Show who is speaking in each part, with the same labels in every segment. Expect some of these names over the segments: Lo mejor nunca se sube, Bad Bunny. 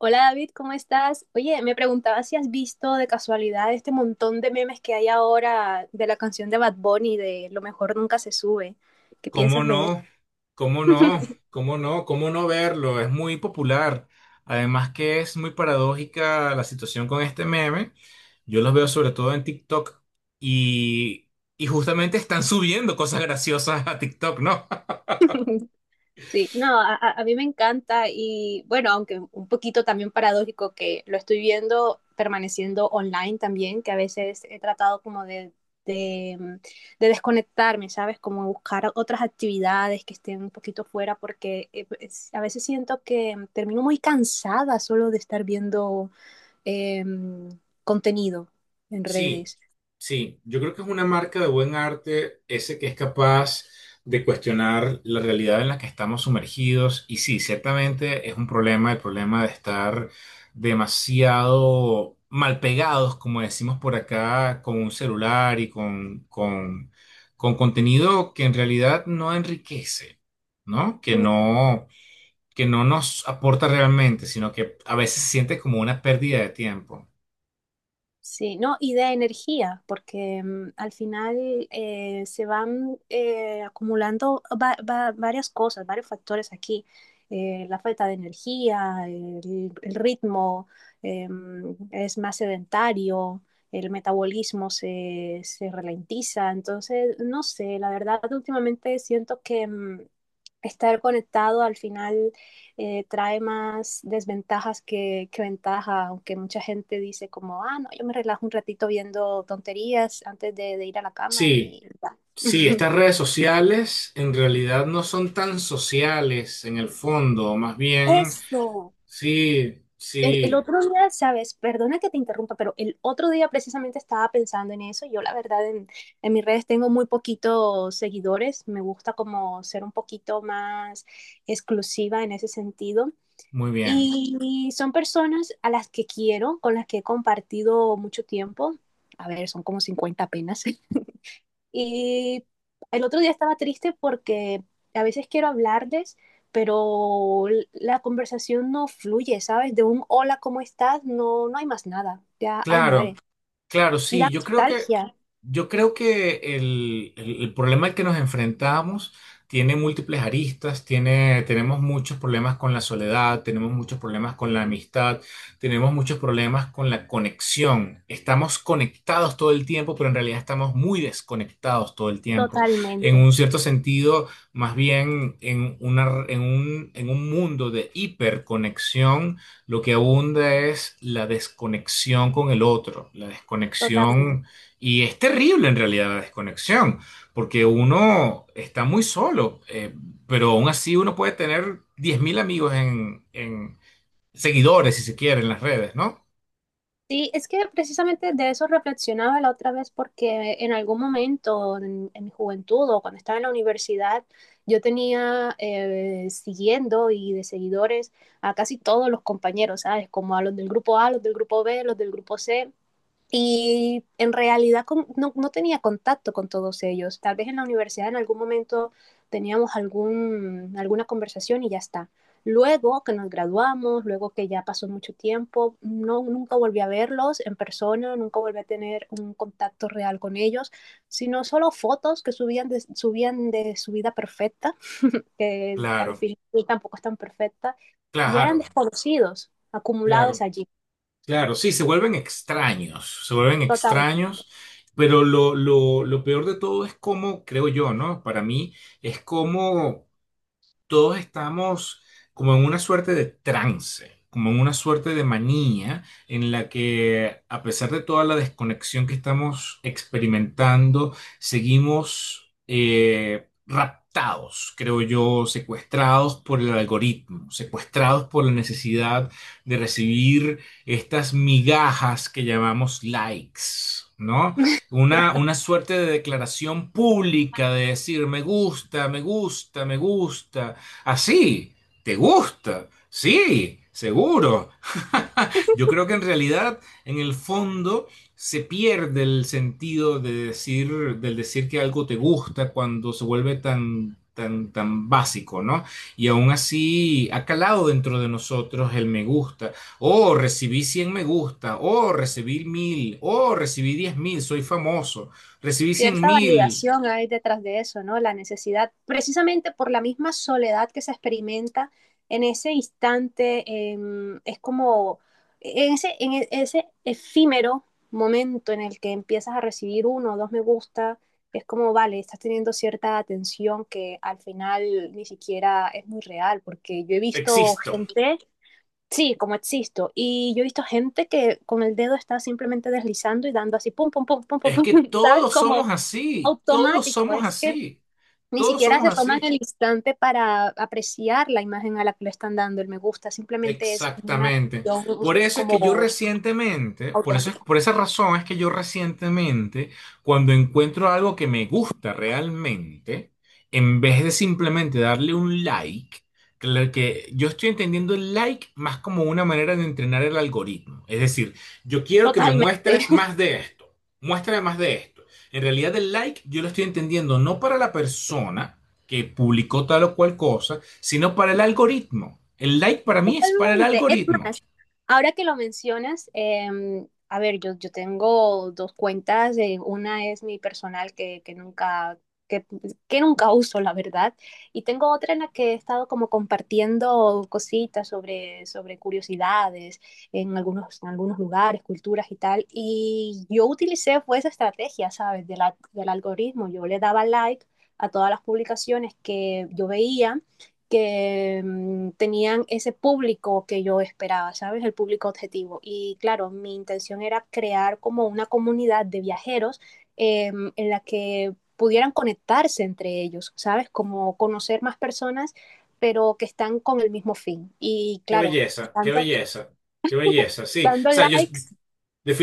Speaker 1: Hola David, ¿cómo estás? Oye, me preguntaba si has visto de casualidad este montón de memes que hay ahora de la canción de Bad Bunny de Lo mejor nunca se sube. ¿Qué
Speaker 2: ¿Cómo
Speaker 1: piensas de eso?
Speaker 2: no? ¿Cómo no? ¿Cómo no? ¿Cómo no verlo? Es muy popular. Además que es muy paradójica la situación con este meme. Yo los veo sobre todo en TikTok y, y justamente están subiendo cosas graciosas a TikTok, ¿no?
Speaker 1: Sí, no, a mí me encanta y bueno, aunque un poquito también paradójico que lo estoy viendo permaneciendo online también, que a veces he tratado como de, mm, de desconectarme, ¿sabes? Como buscar otras actividades que estén un poquito fuera porque a veces siento que termino muy cansada solo de estar viendo em, contenido en
Speaker 2: Sí,
Speaker 1: redes.
Speaker 2: sí, yo creo que es una marca de buen arte ese que es capaz de cuestionar la realidad en la que estamos sumergidos y sí, ciertamente es un problema, el problema de estar demasiado mal pegados, como decimos por acá, con un celular y con contenido que en realidad no enriquece, ¿no? Que no nos aporta realmente, sino que a veces se siente como una pérdida de tiempo.
Speaker 1: Sí, no, y de energía, porque al final se van acumulando varias cosas, varios factores aquí. La falta de energía, el ritmo es más sedentario, el metabolismo se ralentiza. Entonces, no sé, la verdad, últimamente siento que estar conectado al final trae más desventajas que ventaja, aunque mucha gente dice como, ah, no, yo me relajo un ratito viendo tonterías antes de ir a la cama
Speaker 2: Sí.
Speaker 1: y ya.
Speaker 2: Sí, estas redes sociales en realidad no son tan sociales en el fondo, más bien,
Speaker 1: Eso.
Speaker 2: sí,
Speaker 1: El
Speaker 2: sí,
Speaker 1: otro día, sabes, perdona que te interrumpa, pero el otro día precisamente estaba pensando en eso. Yo la verdad en mis redes tengo muy poquitos seguidores. Me gusta como ser un poquito más exclusiva en ese sentido.
Speaker 2: muy bien.
Speaker 1: Y son personas a las que quiero, con las que he compartido mucho tiempo. A ver, son como 50 apenas. Y el otro día estaba triste porque a veces quiero hablarles, pero la conversación no fluye, ¿sabes? De un hola, ¿cómo estás? No, no hay más nada. Ya ahí muere.
Speaker 2: Claro, claro,
Speaker 1: Y
Speaker 2: sí.
Speaker 1: da nostalgia.
Speaker 2: Yo creo que el problema al que nos enfrentamos tiene múltiples aristas, tenemos muchos problemas con la soledad, tenemos muchos problemas con la amistad, tenemos muchos problemas con la conexión. Estamos conectados todo el tiempo, pero en realidad estamos muy desconectados todo el tiempo. En
Speaker 1: Totalmente,
Speaker 2: un cierto sentido, más bien en un mundo de hiperconexión lo que abunda es la desconexión con el otro, la
Speaker 1: totalmente.
Speaker 2: desconexión, y es terrible en realidad la desconexión, porque uno está muy solo, pero aún así uno puede tener 10,000 amigos en seguidores, si se quiere, en las redes, ¿no?
Speaker 1: Sí, es que precisamente de eso reflexionaba la otra vez porque en algún momento en mi juventud o cuando estaba en la universidad, yo tenía siguiendo y de seguidores a casi todos los compañeros, ¿sabes? Como a los del grupo A, los del grupo B, los del grupo C. Y en realidad no, no tenía contacto con todos ellos. Tal vez en la universidad en algún momento teníamos algún, alguna conversación y ya está. Luego que nos graduamos, luego que ya pasó mucho tiempo, no, nunca volví a verlos en persona, nunca volví a tener un contacto real con ellos, sino solo fotos que subían de su vida perfecta, que al
Speaker 2: Claro,
Speaker 1: final tampoco es tan perfecta, y eran
Speaker 2: claro,
Speaker 1: desconocidos, acumulados
Speaker 2: claro,
Speaker 1: allí,
Speaker 2: claro, sí, se vuelven
Speaker 1: totalmente.
Speaker 2: extraños, pero lo peor de todo es cómo, creo yo, ¿no? Para mí es cómo todos estamos como en una suerte de trance, como en una suerte de manía en la que a pesar de toda la desconexión que estamos experimentando, seguimos raptados, creo yo, secuestrados por el algoritmo, secuestrados por la necesidad de recibir estas migajas que llamamos likes. ¿No? Una suerte de declaración pública de decir me gusta, me gusta, me gusta, así, ¿te gusta? Sí, seguro. Yo creo que en realidad, en el fondo, se pierde el sentido de decir, del decir que algo te gusta cuando se vuelve tan, tan, tan básico, ¿no? Y aún así ha calado dentro de nosotros el me gusta. Oh, recibí 100 me gusta. Oh, recibí 1,000. Oh, recibí 10,000. Soy famoso. Recibí cien
Speaker 1: Cierta
Speaker 2: mil.
Speaker 1: validación hay detrás de eso, ¿no? La necesidad, precisamente por la misma soledad que se experimenta en ese instante, es como en ese, en e- ese efímero momento en el que empiezas a recibir uno o dos me gusta, es como, vale, estás teniendo cierta atención que al final ni siquiera es muy real, porque yo he visto
Speaker 2: Existo.
Speaker 1: gente, sí, como existo, y yo he visto gente que con el dedo está simplemente deslizando y dando así, pum, pum, pum, pum, pum,
Speaker 2: Es
Speaker 1: pum,
Speaker 2: que
Speaker 1: ¿sabes?
Speaker 2: todos
Speaker 1: Como
Speaker 2: somos así, todos
Speaker 1: automático,
Speaker 2: somos
Speaker 1: es que
Speaker 2: así,
Speaker 1: ni
Speaker 2: todos
Speaker 1: siquiera
Speaker 2: somos
Speaker 1: se toman
Speaker 2: así.
Speaker 1: el instante para apreciar la imagen a la que le están dando el me gusta, simplemente es una
Speaker 2: Exactamente.
Speaker 1: reacción como
Speaker 2: Por eso,
Speaker 1: automática,
Speaker 2: por esa razón es que yo recientemente, cuando encuentro algo que me gusta realmente, en vez de simplemente darle un like, que lo que yo estoy entendiendo el like más como una manera de entrenar el algoritmo. Es decir, yo quiero que me
Speaker 1: totalmente.
Speaker 2: muestres más de esto, muéstrame más de esto. En realidad el like yo lo estoy entendiendo no para la persona, que publicó tal o cual cosa, sino para el algoritmo. El like para mí es para el
Speaker 1: Totalmente. Es
Speaker 2: algoritmo.
Speaker 1: más, ahora que lo mencionas, a ver, yo tengo dos cuentas. Una es mi personal que, que nunca uso, la verdad. Y tengo otra en la que he estado como compartiendo cositas sobre curiosidades en algunos lugares, culturas y tal. Y yo utilicé fue esa estrategia, ¿sabes? Del algoritmo. Yo le daba like a todas las publicaciones que yo veía que tenían ese público que yo esperaba, ¿sabes? El público objetivo. Y claro, mi intención era crear como una comunidad de viajeros en la que pudieran conectarse entre ellos, ¿sabes? Como conocer más personas, pero que están con el mismo fin. Y
Speaker 2: Qué
Speaker 1: claro,
Speaker 2: belleza, qué
Speaker 1: dando,
Speaker 2: belleza, qué belleza. Sí, o
Speaker 1: dando
Speaker 2: sea, yo
Speaker 1: likes,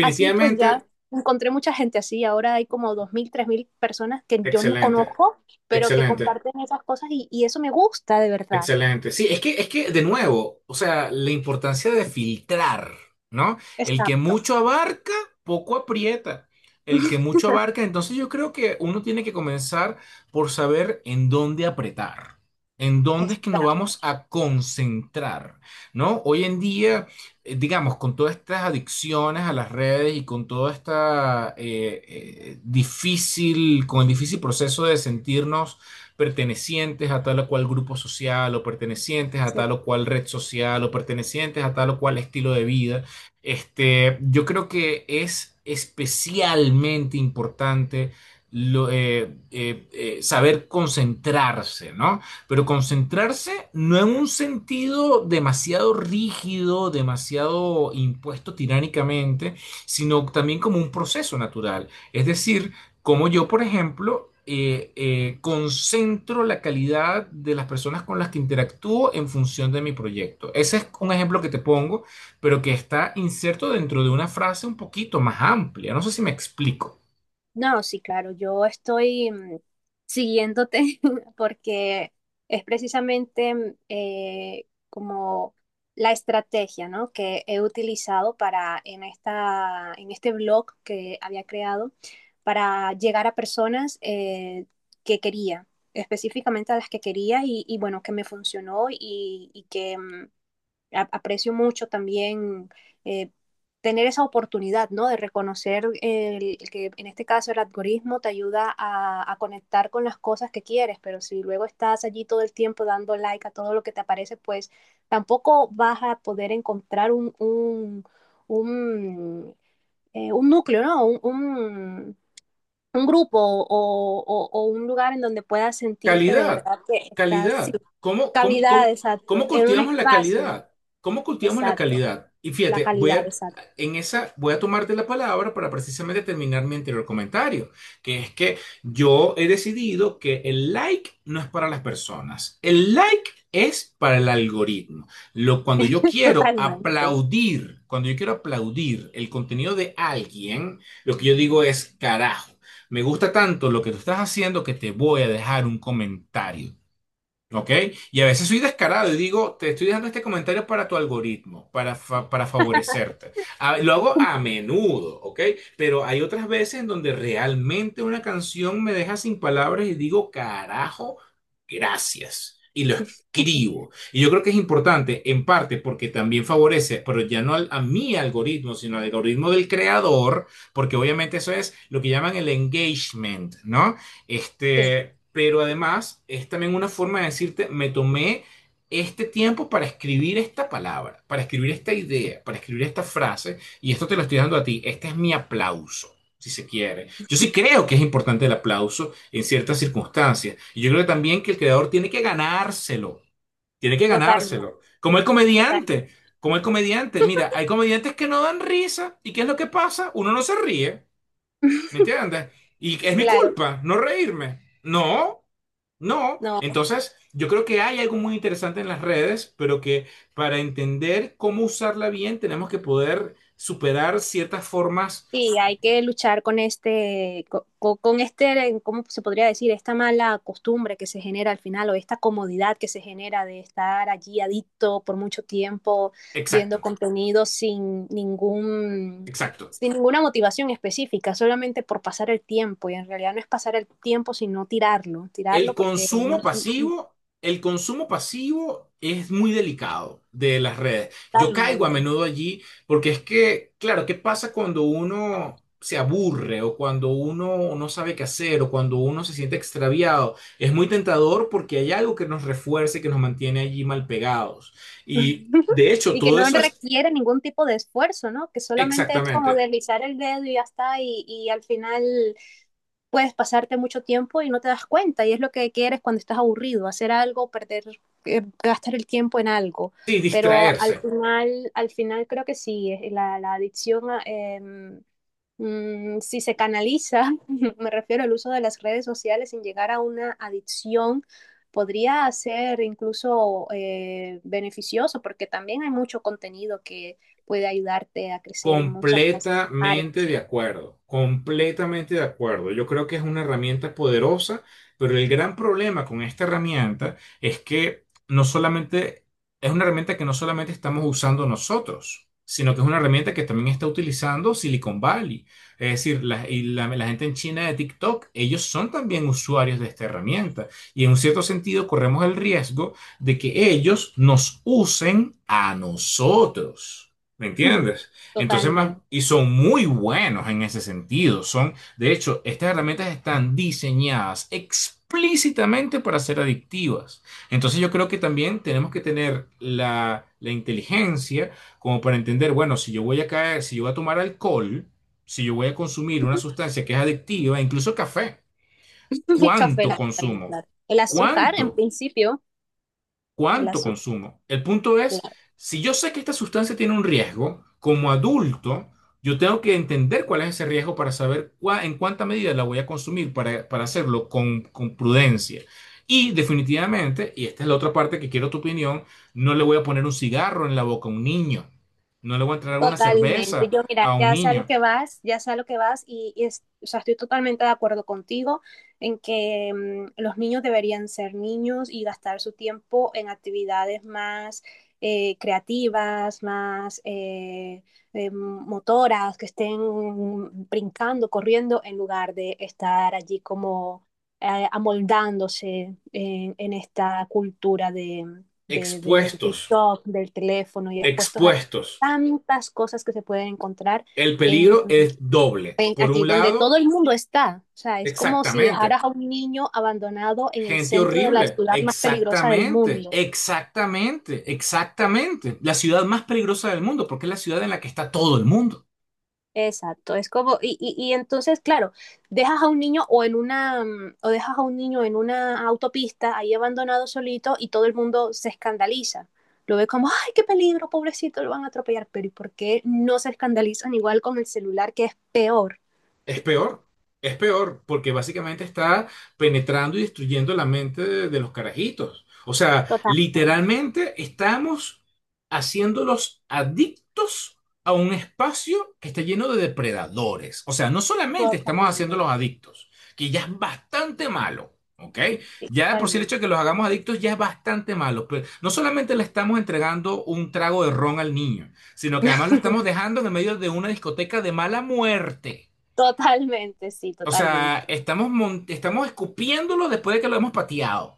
Speaker 1: así pues ya encontré mucha gente así. Ahora hay como 2.000, 3.000 personas que yo no
Speaker 2: excelente,
Speaker 1: conozco, pero que
Speaker 2: excelente.
Speaker 1: comparten esas cosas y eso me gusta de verdad.
Speaker 2: Excelente. Sí, es que, de nuevo, o sea, la importancia de filtrar, ¿no? El que
Speaker 1: Exacto.
Speaker 2: mucho abarca, poco aprieta. El que mucho abarca, entonces yo creo que uno tiene que comenzar por saber en dónde apretar, en dónde es que nos
Speaker 1: Exacto,
Speaker 2: vamos a concentrar, ¿no? Hoy en día, digamos, con todas estas adicciones a las redes y con toda esta con el difícil proceso de sentirnos pertenecientes a tal o cual grupo social o pertenecientes a
Speaker 1: sí.
Speaker 2: tal o cual red social o pertenecientes a tal o cual estilo de vida. Este, yo creo que es especialmente importante saber concentrarse, ¿no? Pero concentrarse no en un sentido demasiado rígido, demasiado impuesto tiránicamente, sino también como un proceso natural. Es decir, como yo, por ejemplo, concentro la calidad de las personas con las que interactúo en función de mi proyecto. Ese es un ejemplo que te pongo, pero que está inserto dentro de una frase un poquito más amplia. No sé si me explico.
Speaker 1: No, sí, claro, yo estoy siguiéndote porque es precisamente como la estrategia, ¿no? que he utilizado para en esta, en este blog que había creado para llegar a personas que quería, específicamente a las que quería y bueno, que me funcionó y que aprecio mucho también eh, tener esa oportunidad, ¿no? De reconocer el que en este caso el algoritmo te ayuda a conectar con las cosas que quieres, pero si luego estás allí todo el tiempo dando like a todo lo que te aparece, pues tampoco vas a poder encontrar un, un núcleo, ¿no? Un grupo o un lugar en donde puedas sentirte de
Speaker 2: Calidad,
Speaker 1: verdad que estás, sí,
Speaker 2: calidad. ¿Cómo, cómo,
Speaker 1: cavidad,
Speaker 2: cómo,
Speaker 1: exacto,
Speaker 2: cómo
Speaker 1: en un
Speaker 2: cultivamos la
Speaker 1: espacio,
Speaker 2: calidad? ¿Cómo cultivamos la
Speaker 1: exacto.
Speaker 2: calidad? Y
Speaker 1: La
Speaker 2: fíjate,
Speaker 1: calidad, exacto.
Speaker 2: en esa, voy a tomarte la palabra para precisamente terminar mi anterior comentario, que es que yo he decidido que el like no es para las personas. El like es para el algoritmo. Lo, cuando yo quiero
Speaker 1: Totalmente.
Speaker 2: aplaudir, cuando yo quiero aplaudir el contenido de alguien, lo que yo digo es carajo. Me gusta tanto lo que tú estás haciendo que te voy a dejar un comentario. ¿Ok? Y a veces soy descarado y digo, te estoy dejando este comentario para tu algoritmo, para favorecerte. Lo hago a menudo, ¿ok? Pero hay otras veces en donde realmente una canción me deja sin palabras y digo, carajo, gracias. Y lo escribo. Y yo creo que es importante, en parte, porque también favorece, pero ya no a mi algoritmo, sino al algoritmo del creador, porque obviamente eso es lo que llaman el engagement, ¿no?
Speaker 1: Sí,
Speaker 2: Este, pero además es también una forma de decirte, me tomé este tiempo para escribir esta palabra, para escribir esta idea, para escribir esta frase, y esto te lo estoy dando a ti. Este es mi aplauso, si se quiere. Yo sí creo que es importante el aplauso en ciertas circunstancias. Y yo creo también que el creador tiene que ganárselo, tiene que
Speaker 1: totalmente,
Speaker 2: ganárselo. Como el
Speaker 1: totalmente.
Speaker 2: comediante, como el comediante. Mira, hay comediantes que no dan risa, ¿y qué es lo que pasa? Uno no se ríe. ¿Me entiendes? Y es mi
Speaker 1: Claro.
Speaker 2: culpa no reírme. No, no.
Speaker 1: No,
Speaker 2: Entonces, yo creo que hay algo muy interesante en las redes, pero que para entender cómo usarla bien tenemos que poder superar ciertas formas.
Speaker 1: sí, hay que luchar con este, co- co- con, este, ¿cómo se podría decir? Esta mala costumbre que se genera al final o esta comodidad que se genera de estar allí adicto por mucho tiempo,
Speaker 2: Exacto,
Speaker 1: viendo contenido sin ningún,
Speaker 2: exacto.
Speaker 1: sin ninguna motivación específica, solamente por pasar el tiempo. Y en realidad no es pasar el tiempo, sino tirarlo, tirarlo porque mm,
Speaker 2: El consumo pasivo es muy delicado de las redes. Yo caigo a
Speaker 1: totalmente.
Speaker 2: menudo allí porque es que, claro, ¿qué pasa cuando uno se aburre o cuando uno no sabe qué hacer o cuando uno se siente extraviado? Es muy tentador porque hay algo que nos refuerce, que nos mantiene allí mal pegados. Y de hecho,
Speaker 1: Y que
Speaker 2: todo
Speaker 1: no
Speaker 2: eso es
Speaker 1: requiere ningún tipo de esfuerzo, ¿no? Que solamente es como
Speaker 2: exactamente,
Speaker 1: deslizar el dedo y ya está, y al final puedes pasarte mucho tiempo y no te das cuenta, y es lo que quieres cuando estás aburrido, hacer algo, perder, gastar el tiempo en algo.
Speaker 2: sí,
Speaker 1: Pero
Speaker 2: distraerse.
Speaker 1: al final creo que sí, la adicción a, si se canaliza, me refiero al uso de las redes sociales sin llegar a una adicción, podría ser incluso beneficioso porque también hay mucho contenido que puede ayudarte a crecer en muchas
Speaker 2: Completamente de
Speaker 1: áreas.
Speaker 2: acuerdo, completamente de acuerdo. Yo creo que es una herramienta poderosa, pero el gran problema con esta herramienta es que no solamente es una herramienta que no solamente estamos usando nosotros, sino que es una herramienta que también está utilizando Silicon Valley. Es decir, la gente en China de TikTok, ellos son también usuarios de esta herramienta. Y en un cierto sentido corremos el riesgo de que ellos nos usen a nosotros. ¿Me entiendes? Entonces, más,
Speaker 1: Totalmente.
Speaker 2: y son muy buenos en ese sentido. Son, de hecho, estas herramientas están diseñadas explícitamente para ser adictivas. Entonces, yo creo que también tenemos que tener la inteligencia como para entender, bueno, si yo voy a caer, si yo voy a tomar alcohol, si yo voy a consumir una sustancia que es adictiva, incluso café,
Speaker 1: Mi café,
Speaker 2: ¿cuánto
Speaker 1: la cafeína,
Speaker 2: consumo?
Speaker 1: claro. El azúcar, en
Speaker 2: ¿Cuánto?
Speaker 1: principio, el
Speaker 2: Cuánto
Speaker 1: azúcar.
Speaker 2: consumo. El punto es, si yo sé que esta sustancia tiene un riesgo, como adulto, yo tengo que entender cuál es ese riesgo para saber en cuánta medida la voy a consumir para hacerlo con prudencia. Y definitivamente, y esta es la otra parte que quiero tu opinión, no le voy a poner un cigarro en la boca a un niño. No le voy a entregar una
Speaker 1: Totalmente.
Speaker 2: cerveza
Speaker 1: Yo, mira,
Speaker 2: a un
Speaker 1: ya sé a lo
Speaker 2: niño.
Speaker 1: que vas, ya sé a lo que vas o sea, estoy totalmente de acuerdo contigo en que los niños deberían ser niños y gastar su tiempo en actividades más creativas, más motoras, que estén brincando, corriendo, en lugar de estar allí como amoldándose en esta cultura del
Speaker 2: Expuestos,
Speaker 1: TikTok, del teléfono y expuestos a
Speaker 2: expuestos.
Speaker 1: tantas cosas que se pueden encontrar
Speaker 2: El
Speaker 1: en,
Speaker 2: peligro es doble. Por
Speaker 1: aquí,
Speaker 2: un
Speaker 1: donde todo
Speaker 2: lado,
Speaker 1: el mundo está. O sea, es como si
Speaker 2: exactamente.
Speaker 1: dejaras a un niño abandonado en el
Speaker 2: Gente
Speaker 1: centro de la
Speaker 2: horrible.
Speaker 1: ciudad más peligrosa del
Speaker 2: Exactamente,
Speaker 1: mundo.
Speaker 2: exactamente, exactamente. La ciudad más peligrosa del mundo, porque es la ciudad en la que está todo el mundo.
Speaker 1: Exacto, es como, y entonces, claro, dejas a un niño o dejas a un niño en una autopista ahí abandonado solito y todo el mundo se escandaliza. Lo ve como, ay, qué peligro, pobrecito, lo van a atropellar. Pero ¿y por qué no se escandalizan igual con el celular que es peor?
Speaker 2: Es peor, es peor, porque básicamente está penetrando y destruyendo la mente de los carajitos. O sea,
Speaker 1: Totalmente,
Speaker 2: literalmente estamos haciéndolos adictos a un espacio que está lleno de depredadores. O sea, no solamente estamos
Speaker 1: totalmente.
Speaker 2: haciéndolos adictos, que ya es bastante malo. ¿Ok?
Speaker 1: Sí,
Speaker 2: Ya por si el
Speaker 1: totalmente.
Speaker 2: hecho de que los hagamos adictos ya es bastante malo, pero no solamente le estamos entregando un trago de ron al niño, sino que además lo estamos dejando en el medio de una discoteca de mala muerte. O
Speaker 1: Totalmente.
Speaker 2: sea, estamos, estamos escupiéndolo después de que lo hemos pateado.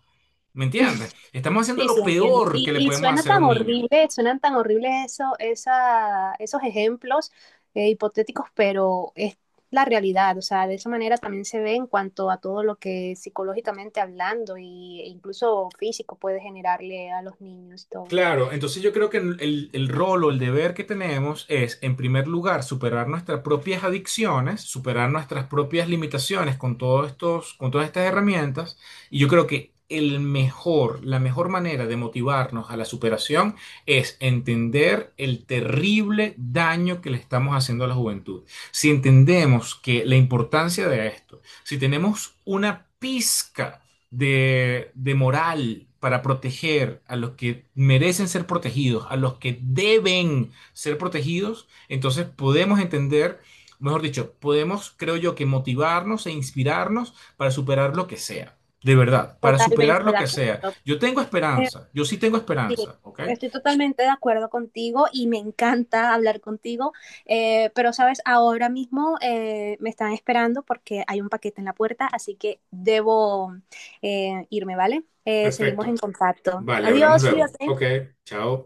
Speaker 2: ¿Me entiendes? Estamos haciendo
Speaker 1: Sí, sí,
Speaker 2: lo
Speaker 1: entiendo.
Speaker 2: peor
Speaker 1: Y,
Speaker 2: que le
Speaker 1: y
Speaker 2: podemos
Speaker 1: suena
Speaker 2: hacer a
Speaker 1: tan
Speaker 2: un niño.
Speaker 1: horrible, suenan tan horribles eso, esa, esos ejemplos hipotéticos, pero es la realidad. O sea, de esa manera también se ve en cuanto a todo lo que psicológicamente hablando y, e incluso físico puede generarle a los niños y todo.
Speaker 2: Claro, entonces yo creo que el rol o el deber que tenemos es, en primer lugar, superar nuestras propias adicciones, superar nuestras propias limitaciones con todos estos, con todas estas herramientas. Y yo creo que el mejor, la mejor manera de motivarnos a la superación es entender el terrible daño que le estamos haciendo a la juventud. Si entendemos que la importancia de esto, si tenemos una pizca de moral para proteger a los que merecen ser protegidos, a los que deben ser protegidos, entonces podemos entender, mejor dicho, podemos, creo yo, que motivarnos e inspirarnos para superar lo que sea. De verdad, para superar
Speaker 1: Totalmente
Speaker 2: lo
Speaker 1: de
Speaker 2: que sea.
Speaker 1: acuerdo.
Speaker 2: Yo tengo esperanza, yo sí tengo
Speaker 1: Sí,
Speaker 2: esperanza, ¿ok?
Speaker 1: estoy totalmente de acuerdo contigo y me encanta hablar contigo, pero sabes, ahora mismo me están esperando porque hay un paquete en la puerta, así que debo irme, ¿vale? Seguimos
Speaker 2: Perfecto.
Speaker 1: en contacto.
Speaker 2: Vale, hablamos
Speaker 1: Adiós,
Speaker 2: luego.
Speaker 1: cuídate.
Speaker 2: Ok, chao.